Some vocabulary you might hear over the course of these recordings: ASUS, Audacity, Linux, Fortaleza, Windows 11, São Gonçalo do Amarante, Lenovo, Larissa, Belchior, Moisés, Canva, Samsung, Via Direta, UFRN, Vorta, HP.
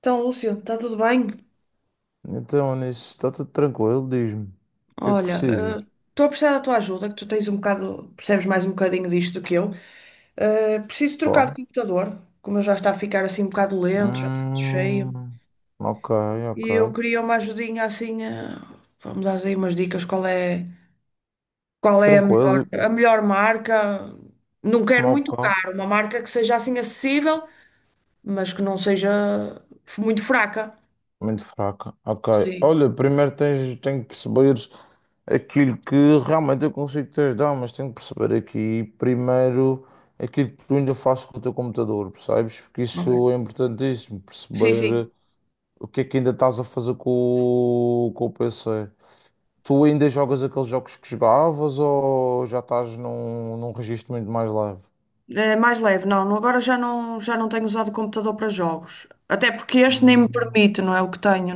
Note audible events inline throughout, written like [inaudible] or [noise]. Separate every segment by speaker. Speaker 1: Então, Lúcio, está tudo bem?
Speaker 2: Então, nisso está tudo tranquilo, diz-me. O que é que
Speaker 1: Olha,
Speaker 2: precisas?
Speaker 1: estou a precisar da tua ajuda, que tu tens um bocado, percebes mais um bocadinho disto do que eu. Preciso trocar
Speaker 2: Pá.
Speaker 1: de computador, como eu já está a ficar assim um bocado lento, já está muito cheio.
Speaker 2: Hum, ok,
Speaker 1: E
Speaker 2: ok.
Speaker 1: eu queria uma ajudinha assim, vamos dar aí umas dicas, qual é a
Speaker 2: Tranquilo,
Speaker 1: a melhor marca? Não quero muito
Speaker 2: ok.
Speaker 1: caro, uma marca que seja assim acessível, mas que não seja muito fraca.
Speaker 2: Muito fraca. Ok.
Speaker 1: Sim,
Speaker 2: Olha, tenho que perceber aquilo que realmente eu consigo te ajudar, mas tenho que perceber aqui primeiro aquilo que tu ainda fazes com o teu computador, percebes? Porque
Speaker 1: ok.
Speaker 2: isso é importantíssimo,
Speaker 1: Sim, sim.
Speaker 2: perceber o que é que ainda estás a fazer com o PC. Tu ainda jogas aqueles jogos que jogavas ou já estás num registro muito mais leve?
Speaker 1: É mais leve, não. Agora já não tenho usado o computador para jogos. Até porque este nem me
Speaker 2: Hum,
Speaker 1: permite, não é o que tenho.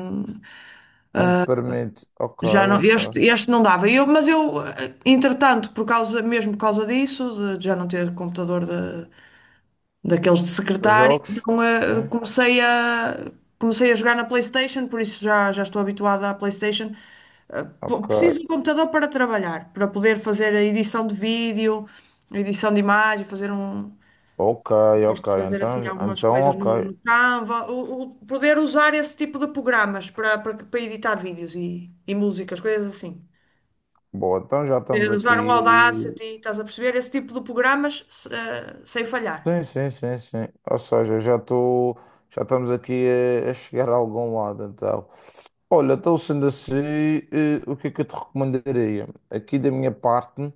Speaker 2: Nem te permite. Ok,
Speaker 1: Já não,
Speaker 2: ok.
Speaker 1: este não dava. Eu, mas eu, eh, entretanto, por causa, mesmo por causa disso, de já não ter computador de, daqueles de
Speaker 2: Para
Speaker 1: secretário,
Speaker 2: jogos?
Speaker 1: então,
Speaker 2: Sim.
Speaker 1: comecei a jogar na PlayStation, por isso já, já estou habituada à PlayStation.
Speaker 2: Ok.
Speaker 1: Preciso de um computador para trabalhar, para poder fazer a edição de vídeo, a edição de imagem, fazer um.
Speaker 2: Ok,
Speaker 1: Gosto
Speaker 2: ok.
Speaker 1: de fazer assim
Speaker 2: Então,
Speaker 1: algumas
Speaker 2: então,
Speaker 1: coisas no,
Speaker 2: ok.
Speaker 1: no Canva, poder usar esse tipo de programas para, para editar vídeos e músicas, coisas assim.
Speaker 2: Boa, então já
Speaker 1: Eh,
Speaker 2: estamos
Speaker 1: usar um
Speaker 2: aqui.
Speaker 1: Audacity, estás a perceber? Esse tipo de programas sem falhar.
Speaker 2: Sim, sim, sim, sim. Ou seja, já estou. Já estamos aqui a chegar a algum lado, então. Olha, então sendo assim, o que é que eu te recomendaria? Aqui da minha parte.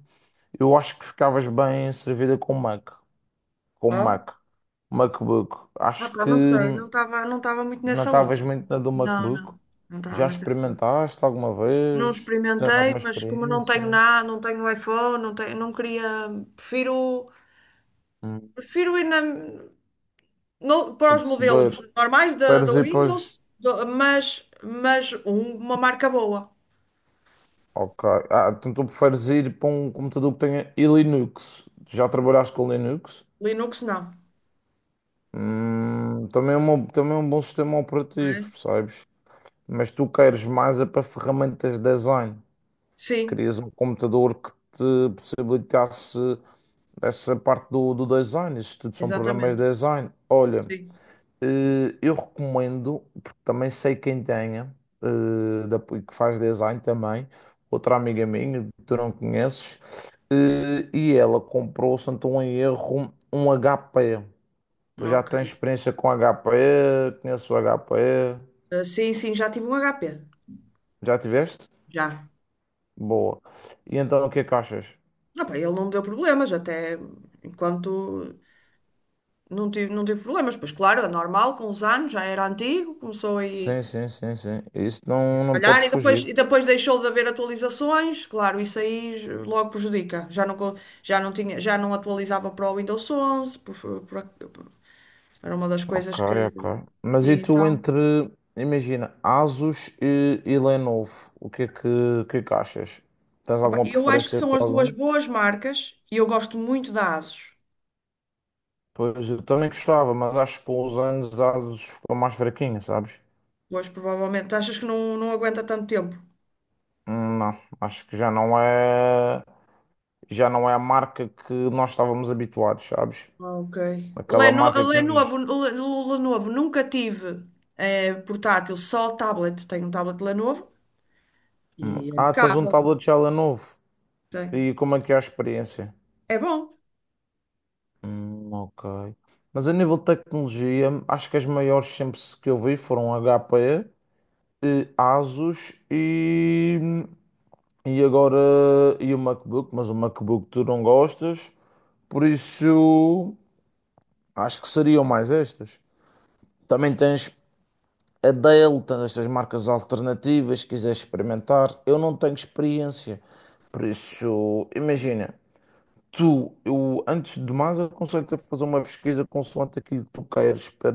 Speaker 2: Eu acho que ficavas bem servida com Mac, com
Speaker 1: É?
Speaker 2: Mac, MacBook.
Speaker 1: Ah,
Speaker 2: Acho
Speaker 1: pá,
Speaker 2: que
Speaker 1: não sei, não estava muito
Speaker 2: não
Speaker 1: nessa
Speaker 2: estavas
Speaker 1: onda.
Speaker 2: muito na do
Speaker 1: Não,
Speaker 2: MacBook.
Speaker 1: não, não estava
Speaker 2: Já
Speaker 1: muito nessa onda.
Speaker 2: experimentaste alguma
Speaker 1: Não
Speaker 2: vez? Tens
Speaker 1: experimentei,
Speaker 2: alguma
Speaker 1: mas como não tenho
Speaker 2: experiência?
Speaker 1: nada, não tenho iPhone, não tenho, não queria, prefiro,
Speaker 2: Hum.
Speaker 1: prefiro ir na. Para
Speaker 2: Estou a
Speaker 1: os modelos
Speaker 2: perceber.
Speaker 1: normais da
Speaker 2: Preferes ir para
Speaker 1: Windows,
Speaker 2: os...
Speaker 1: mas uma marca boa.
Speaker 2: Ok. Ah, então tu preferes ir para um computador que tenha e Linux. Já trabalhaste com Linux?
Speaker 1: Linux não.
Speaker 2: Também é um bom sistema
Speaker 1: Não
Speaker 2: operativo,
Speaker 1: é?
Speaker 2: percebes? Mas tu queres mais é para ferramentas de design.
Speaker 1: Sim,
Speaker 2: Querias um computador que te possibilitasse essa parte do design, isso tudo são programas
Speaker 1: exatamente.
Speaker 2: de design. Olha,
Speaker 1: Sim,
Speaker 2: eu recomendo, porque também sei quem tenha, que faz design também, outra amiga minha, que tu não conheces, e ela comprou, se não estou em erro, um HP. Tu já
Speaker 1: ok.
Speaker 2: tens experiência com HP, conheço o HP,
Speaker 1: Ah, sim, sim, já tive um HP.
Speaker 2: já tiveste?
Speaker 1: Já.
Speaker 2: Boa. E então o que é que achas?
Speaker 1: Ah, pá, ele não me deu problemas, até enquanto não tive problemas. Pois claro, é normal, com os anos, já era antigo, começou aí
Speaker 2: Sim, sim, sim, sim. Isso não, não
Speaker 1: calhar,
Speaker 2: podes fugir.
Speaker 1: e depois deixou de haver atualizações, claro, isso aí logo prejudica. Já não tinha, já não atualizava para o Windows 11, por- por- era uma das
Speaker 2: Ok,
Speaker 1: coisas que.
Speaker 2: ok.
Speaker 1: E então,
Speaker 2: Imagina, Asus e Lenovo, o que é que achas? Tens
Speaker 1: opa,
Speaker 2: alguma
Speaker 1: eu acho que
Speaker 2: preferência
Speaker 1: são as
Speaker 2: para
Speaker 1: duas
Speaker 2: algum?
Speaker 1: boas marcas e eu gosto muito da ASUS.
Speaker 2: Pois eu também gostava, mas acho que com os anos a Asus ficou mais fraquinha, sabes?
Speaker 1: Pois, provavelmente, achas que não, não aguenta tanto tempo?
Speaker 2: Não, acho que já não é a marca que nós estávamos habituados, sabes?
Speaker 1: Ok.
Speaker 2: Aquela
Speaker 1: Leno,
Speaker 2: marca que nos.
Speaker 1: Lenovo, nunca tive portátil, só tablet. Tenho um tablet Lenovo
Speaker 2: Hum.
Speaker 1: e é
Speaker 2: Ah, tens um
Speaker 1: impecável.
Speaker 2: tablet já Lenovo.
Speaker 1: Tem.
Speaker 2: E como é que é a experiência?
Speaker 1: É bom.
Speaker 2: Ok. Mas a nível de tecnologia, acho que as maiores sempre que eu vi foram HP, Asus e agora e o MacBook, mas o MacBook tu não gostas, por isso acho que seriam mais estas. Também tens a Dell, tens estas marcas alternativas, se quiseres experimentar. Eu não tenho experiência, por isso imagina. Antes de mais, aconselho-te a fazer uma pesquisa consoante aquilo que tu queres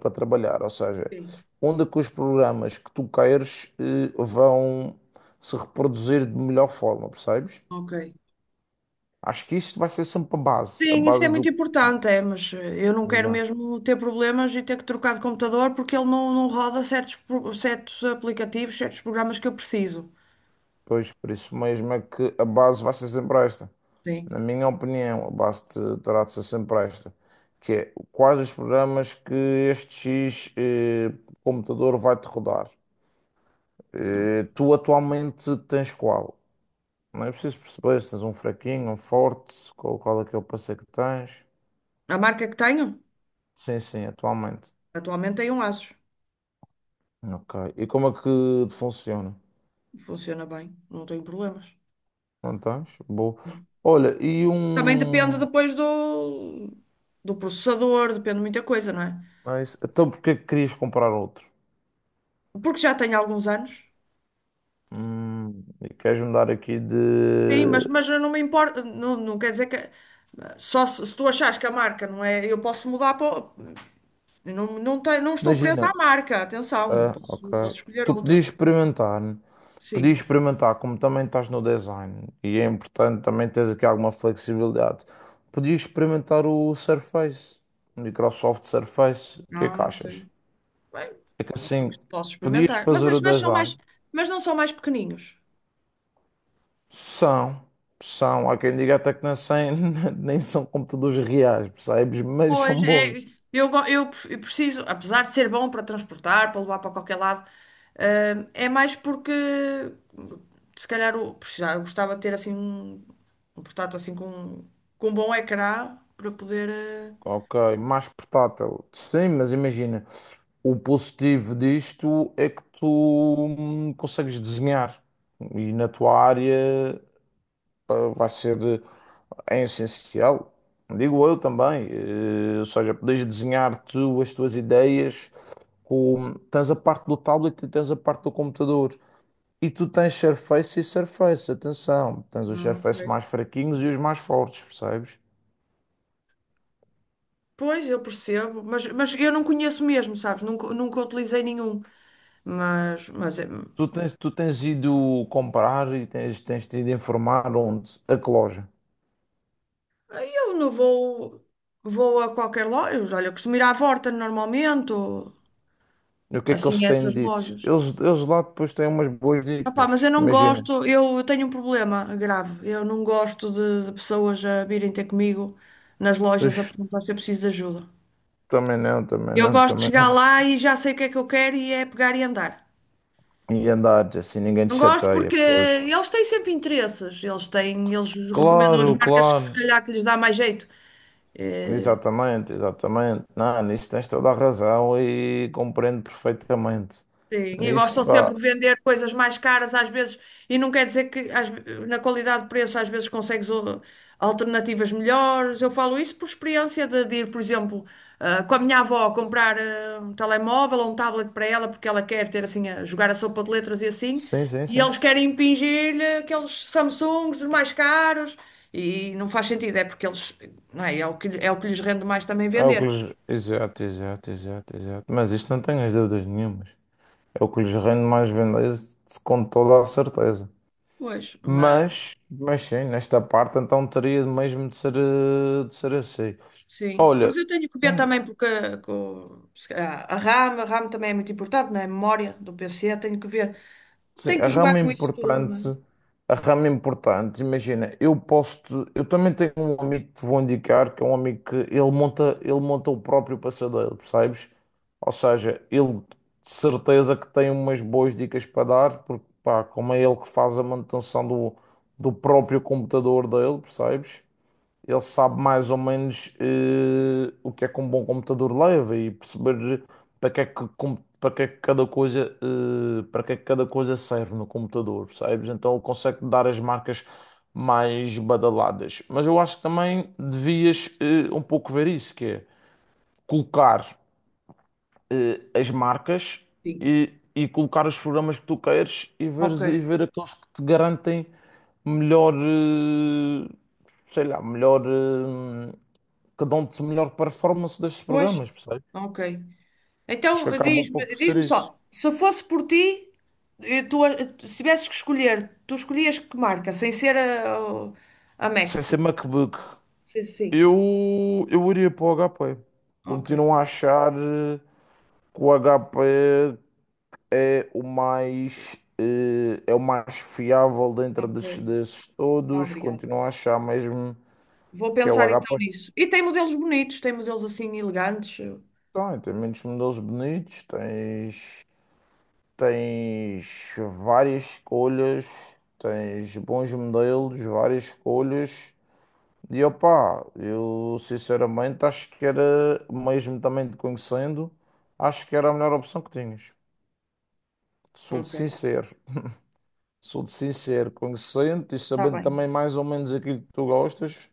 Speaker 2: para trabalhar, ou seja,
Speaker 1: Sim.
Speaker 2: onde é que os programas que tu queres vão se reproduzir de melhor forma, percebes?
Speaker 1: Ok.
Speaker 2: Acho que isto vai ser sempre a
Speaker 1: Sim, isso é
Speaker 2: base do.
Speaker 1: muito importante, é, mas eu não quero
Speaker 2: Exato.
Speaker 1: mesmo ter problemas e ter que trocar de computador porque ele não, não roda certos aplicativos, certos programas que eu preciso.
Speaker 2: Pois, por isso mesmo é que a base vai ser sempre esta.
Speaker 1: Sim.
Speaker 2: Na minha opinião, terá de ser sempre esta, que é quais os programas que este X computador vai-te rodar. Tu atualmente tens qual? Não é preciso perceber se tens um fraquinho, um forte, qual é que é o parceiro que tens.
Speaker 1: A marca que tenho,
Speaker 2: Sim, sim, atualmente.
Speaker 1: atualmente tem um Asus.
Speaker 2: Ok. E como é que te funciona?
Speaker 1: Funciona bem, não tenho problemas.
Speaker 2: Não tens? Boa.
Speaker 1: Não.
Speaker 2: Olha, e
Speaker 1: Também
Speaker 2: um.
Speaker 1: depende depois do, do processador, depende de muita coisa, não é?
Speaker 2: É isso. Então porque é que querias comprar outro?
Speaker 1: Porque já tenho alguns anos.
Speaker 2: E queres mudar aqui de.
Speaker 1: Sim, mas eu não me importa, não, não quer dizer que. Só se tu achares que a marca não é, eu posso mudar para. Eu não, não, tenho- não estou presa à
Speaker 2: Imagina,
Speaker 1: marca, atenção,
Speaker 2: ah, ok.
Speaker 1: eu posso escolher
Speaker 2: Tu
Speaker 1: outra.
Speaker 2: podias experimentar, né? Podias
Speaker 1: Sim.
Speaker 2: experimentar, como também estás no design, e é importante também teres aqui alguma flexibilidade, podias experimentar o Surface, o Microsoft Surface, o que é que
Speaker 1: Ah, ok.
Speaker 2: achas?
Speaker 1: Bem,
Speaker 2: É que assim,
Speaker 1: posso
Speaker 2: podias
Speaker 1: experimentar.
Speaker 2: fazer o
Speaker 1: Mas são
Speaker 2: design,
Speaker 1: mais, mas não são mais pequeninos.
Speaker 2: são, são, há quem diga até que nem, sem- [laughs] nem são computadores reais, percebes? Mas
Speaker 1: Pois,
Speaker 2: são
Speaker 1: é,
Speaker 2: bons.
Speaker 1: eu preciso, apesar de ser bom para transportar, para levar para qualquer lado, é mais porque se calhar precisava, eu gostava de ter assim um, um portátil assim com um bom ecrã para poder. Eh,
Speaker 2: Ok, mais portátil. Sim, mas imagina. O positivo disto é que tu consegues desenhar e na tua área pá, é essencial. Digo eu também, ou seja, podes desenhar tu as tuas ideias com, tens a parte do tablet e tens a parte do computador. E tu tens Surface e Surface, atenção, tens os
Speaker 1: ah,
Speaker 2: Surface
Speaker 1: ok.
Speaker 2: mais fraquinhos e os mais fortes, percebes?
Speaker 1: Pois, eu percebo, mas eu não conheço mesmo, sabes? Nunca, nunca utilizei nenhum. Mas
Speaker 2: Tu tens ido comprar e tens te ido informar onde? A que loja?
Speaker 1: eu não vou, vou a qualquer loja. Olha, eu costumo ir à Vorta normalmente, ou
Speaker 2: E o que é que eles
Speaker 1: assim, a
Speaker 2: têm
Speaker 1: essas
Speaker 2: dito?
Speaker 1: lojas.
Speaker 2: Eles lá depois têm umas boas
Speaker 1: Opá, mas eu
Speaker 2: dicas.
Speaker 1: não
Speaker 2: Imagina.
Speaker 1: gosto, eu tenho um problema grave. Eu não gosto de pessoas a virem ter comigo nas lojas a
Speaker 2: Ux,
Speaker 1: perguntar se eu preciso de ajuda. Eu gosto de
Speaker 2: também
Speaker 1: chegar
Speaker 2: não.
Speaker 1: lá e já sei o que é que eu quero e é pegar e andar.
Speaker 2: E andares assim, ninguém te
Speaker 1: Não gosto porque
Speaker 2: chateia, pois.
Speaker 1: eles têm sempre interesses, eles têm, eles recomendam as
Speaker 2: Claro,
Speaker 1: marcas que se
Speaker 2: claro.
Speaker 1: calhar que lhes dá mais jeito. Eh,
Speaker 2: Exatamente, exatamente. Não, nisso tens toda a razão e compreendo perfeitamente.
Speaker 1: Sim, e gostam
Speaker 2: Nisso, pá.
Speaker 1: sempre de vender coisas mais caras às vezes, e não quer dizer que na qualidade de preço às vezes consegues alternativas melhores. Eu falo isso por experiência de ir, por exemplo, ah, com a minha avó comprar ah, um telemóvel ou um tablet para ela, porque ela quer ter assim, a jogar a sopa de letras e assim,
Speaker 2: Sim, sim,
Speaker 1: e
Speaker 2: sim.
Speaker 1: eles querem impingir-lhe aqueles Samsungs os mais caros, e não faz sentido, é porque eles, não é, é o é o que lhes rende mais também
Speaker 2: É o que
Speaker 1: vender.
Speaker 2: lhes... Exato, exato, exato, exato. Mas isto não tenho as dúvidas nenhumas. É o que lhes rende mais vendas com toda a certeza.
Speaker 1: Pois, mas
Speaker 2: Mas sim, nesta parte então teria mesmo de ser, de ser assim.
Speaker 1: sim, mas
Speaker 2: Olha,
Speaker 1: eu tenho que ver
Speaker 2: hum,
Speaker 1: também porque com, se calhar, a RAM também é muito importante, não é? A memória do PC, tenho que ver.
Speaker 2: sim,
Speaker 1: Tenho que jogar com isso tudo, não é?
Speaker 2: a rama importante, imagina, eu também tenho um amigo que te vou indicar, que é um amigo que ele monta o próprio passadeiro, percebes? Ou seja, ele de certeza que tem umas boas dicas para dar, porque pá, como é ele que faz a manutenção do, do próprio computador dele, percebes? Ele sabe mais ou menos o que é que um bom computador leva e perceber para que é que cada coisa, para que é que cada coisa serve no computador, percebes? Então ele consegue dar as marcas mais badaladas. Mas eu acho que também devias um pouco ver isso, que é colocar as marcas
Speaker 1: Sim.
Speaker 2: e colocar os programas que tu queres e
Speaker 1: Ok.
Speaker 2: veres, e ver aqueles que te garantem melhor, eh, melhor. Que dão-te melhor performance destes
Speaker 1: Pois,
Speaker 2: programas, percebes?
Speaker 1: ok.
Speaker 2: Acho que
Speaker 1: Então
Speaker 2: acabam um pouco por ser
Speaker 1: diz-me
Speaker 2: isso.
Speaker 1: só, se fosse por ti, eh, tu, eh, se tivesses que escolher, tu escolhias que marca, sem ser a Mac.
Speaker 2: Sem ser MacBook,
Speaker 1: Sim, sim.
Speaker 2: eu iria para o HP.
Speaker 1: Ok,
Speaker 2: Continuo a achar que o HP é o mais fiável dentro
Speaker 1: ok.
Speaker 2: desses todos.
Speaker 1: Obrigada.
Speaker 2: Continuo a achar mesmo
Speaker 1: Vou
Speaker 2: que é o
Speaker 1: pensar
Speaker 2: HP.
Speaker 1: então nisso. E tem modelos bonitos, tem modelos assim elegantes.
Speaker 2: Tem, tem muitos modelos bonitos, tens, tens várias escolhas, tens bons modelos, várias escolhas. E opá, eu sinceramente acho que era, mesmo também te conhecendo, acho que era a melhor opção que tinhas. Sou de
Speaker 1: Ok,
Speaker 2: sincero, sou de sincero, conhecendo e
Speaker 1: está
Speaker 2: sabendo também
Speaker 1: bem.
Speaker 2: mais ou menos aquilo que tu gostas,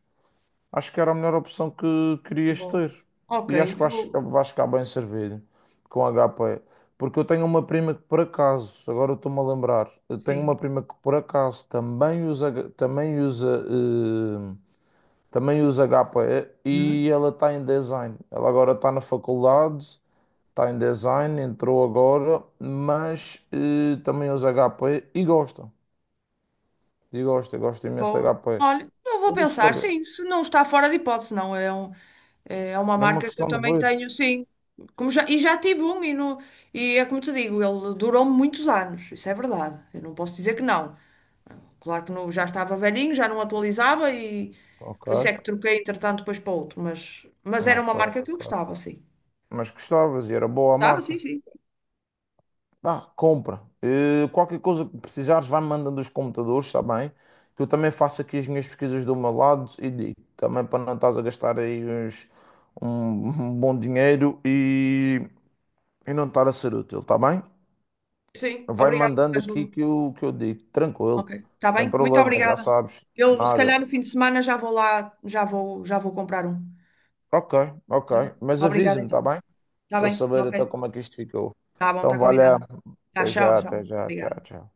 Speaker 2: acho que era a melhor opção que querias
Speaker 1: Bom,
Speaker 2: ter.
Speaker 1: ok,
Speaker 2: E acho que vais,
Speaker 1: vou.
Speaker 2: vais ficar bem servido com a HP. Porque eu tenho uma prima que por acaso, agora eu estou-me a lembrar, eu tenho
Speaker 1: Sim.
Speaker 2: uma prima que por acaso também usa, também usa HP
Speaker 1: Hum,
Speaker 2: e ela está em design. Ela agora está na faculdade, está em design, entrou agora, mas também usa HP e gosta. E gosta, gosta imenso de
Speaker 1: boa.
Speaker 2: HP.
Speaker 1: Olha, eu vou
Speaker 2: Por isso,
Speaker 1: pensar,
Speaker 2: olha,
Speaker 1: sim, se não está fora de hipótese, não. É, um, é uma
Speaker 2: é uma
Speaker 1: marca que eu
Speaker 2: questão de
Speaker 1: também tenho,
Speaker 2: veres.
Speaker 1: sim. E já tive um, e, no, e é como te digo, ele durou muitos anos, isso é verdade. Eu não posso dizer que não. Claro que não, já estava velhinho, já não atualizava, e
Speaker 2: Ok,
Speaker 1: por isso é que troquei, entretanto, depois para outro. Mas era
Speaker 2: ok,
Speaker 1: uma marca que eu
Speaker 2: ok.
Speaker 1: gostava, sim.
Speaker 2: Mas gostavas e era boa a
Speaker 1: Gostava, sim,
Speaker 2: marca.
Speaker 1: sim.
Speaker 2: Pá, compra. Qualquer coisa que precisares, vai-me mandando os computadores, está bem? Que eu também faço aqui as minhas pesquisas do meu lado e digo, também para não estás a gastar aí um, [laughs] um bom dinheiro e não estar a ser útil, está bem?
Speaker 1: Sim,
Speaker 2: Vai
Speaker 1: obrigada pela
Speaker 2: mandando aqui
Speaker 1: ajuda.
Speaker 2: que eu digo,
Speaker 1: Ok,
Speaker 2: tranquilo,
Speaker 1: está
Speaker 2: sem
Speaker 1: bem? Muito
Speaker 2: problema, já
Speaker 1: obrigada.
Speaker 2: sabes,
Speaker 1: Eu, se
Speaker 2: nada.
Speaker 1: calhar, no fim de semana já vou lá, já vou comprar um.
Speaker 2: Ok, ok,
Speaker 1: Já.
Speaker 2: mas
Speaker 1: Obrigada,
Speaker 2: avisa-me, está
Speaker 1: então.
Speaker 2: bem?
Speaker 1: Está
Speaker 2: Para eu
Speaker 1: bem?
Speaker 2: saber até
Speaker 1: Ok.
Speaker 2: como é que isto ficou.
Speaker 1: Está bom,
Speaker 2: Então,
Speaker 1: está
Speaker 2: valeu,
Speaker 1: combinado. Tá, tchau, tchau.
Speaker 2: até já, tchau,
Speaker 1: Obrigada.
Speaker 2: tchau.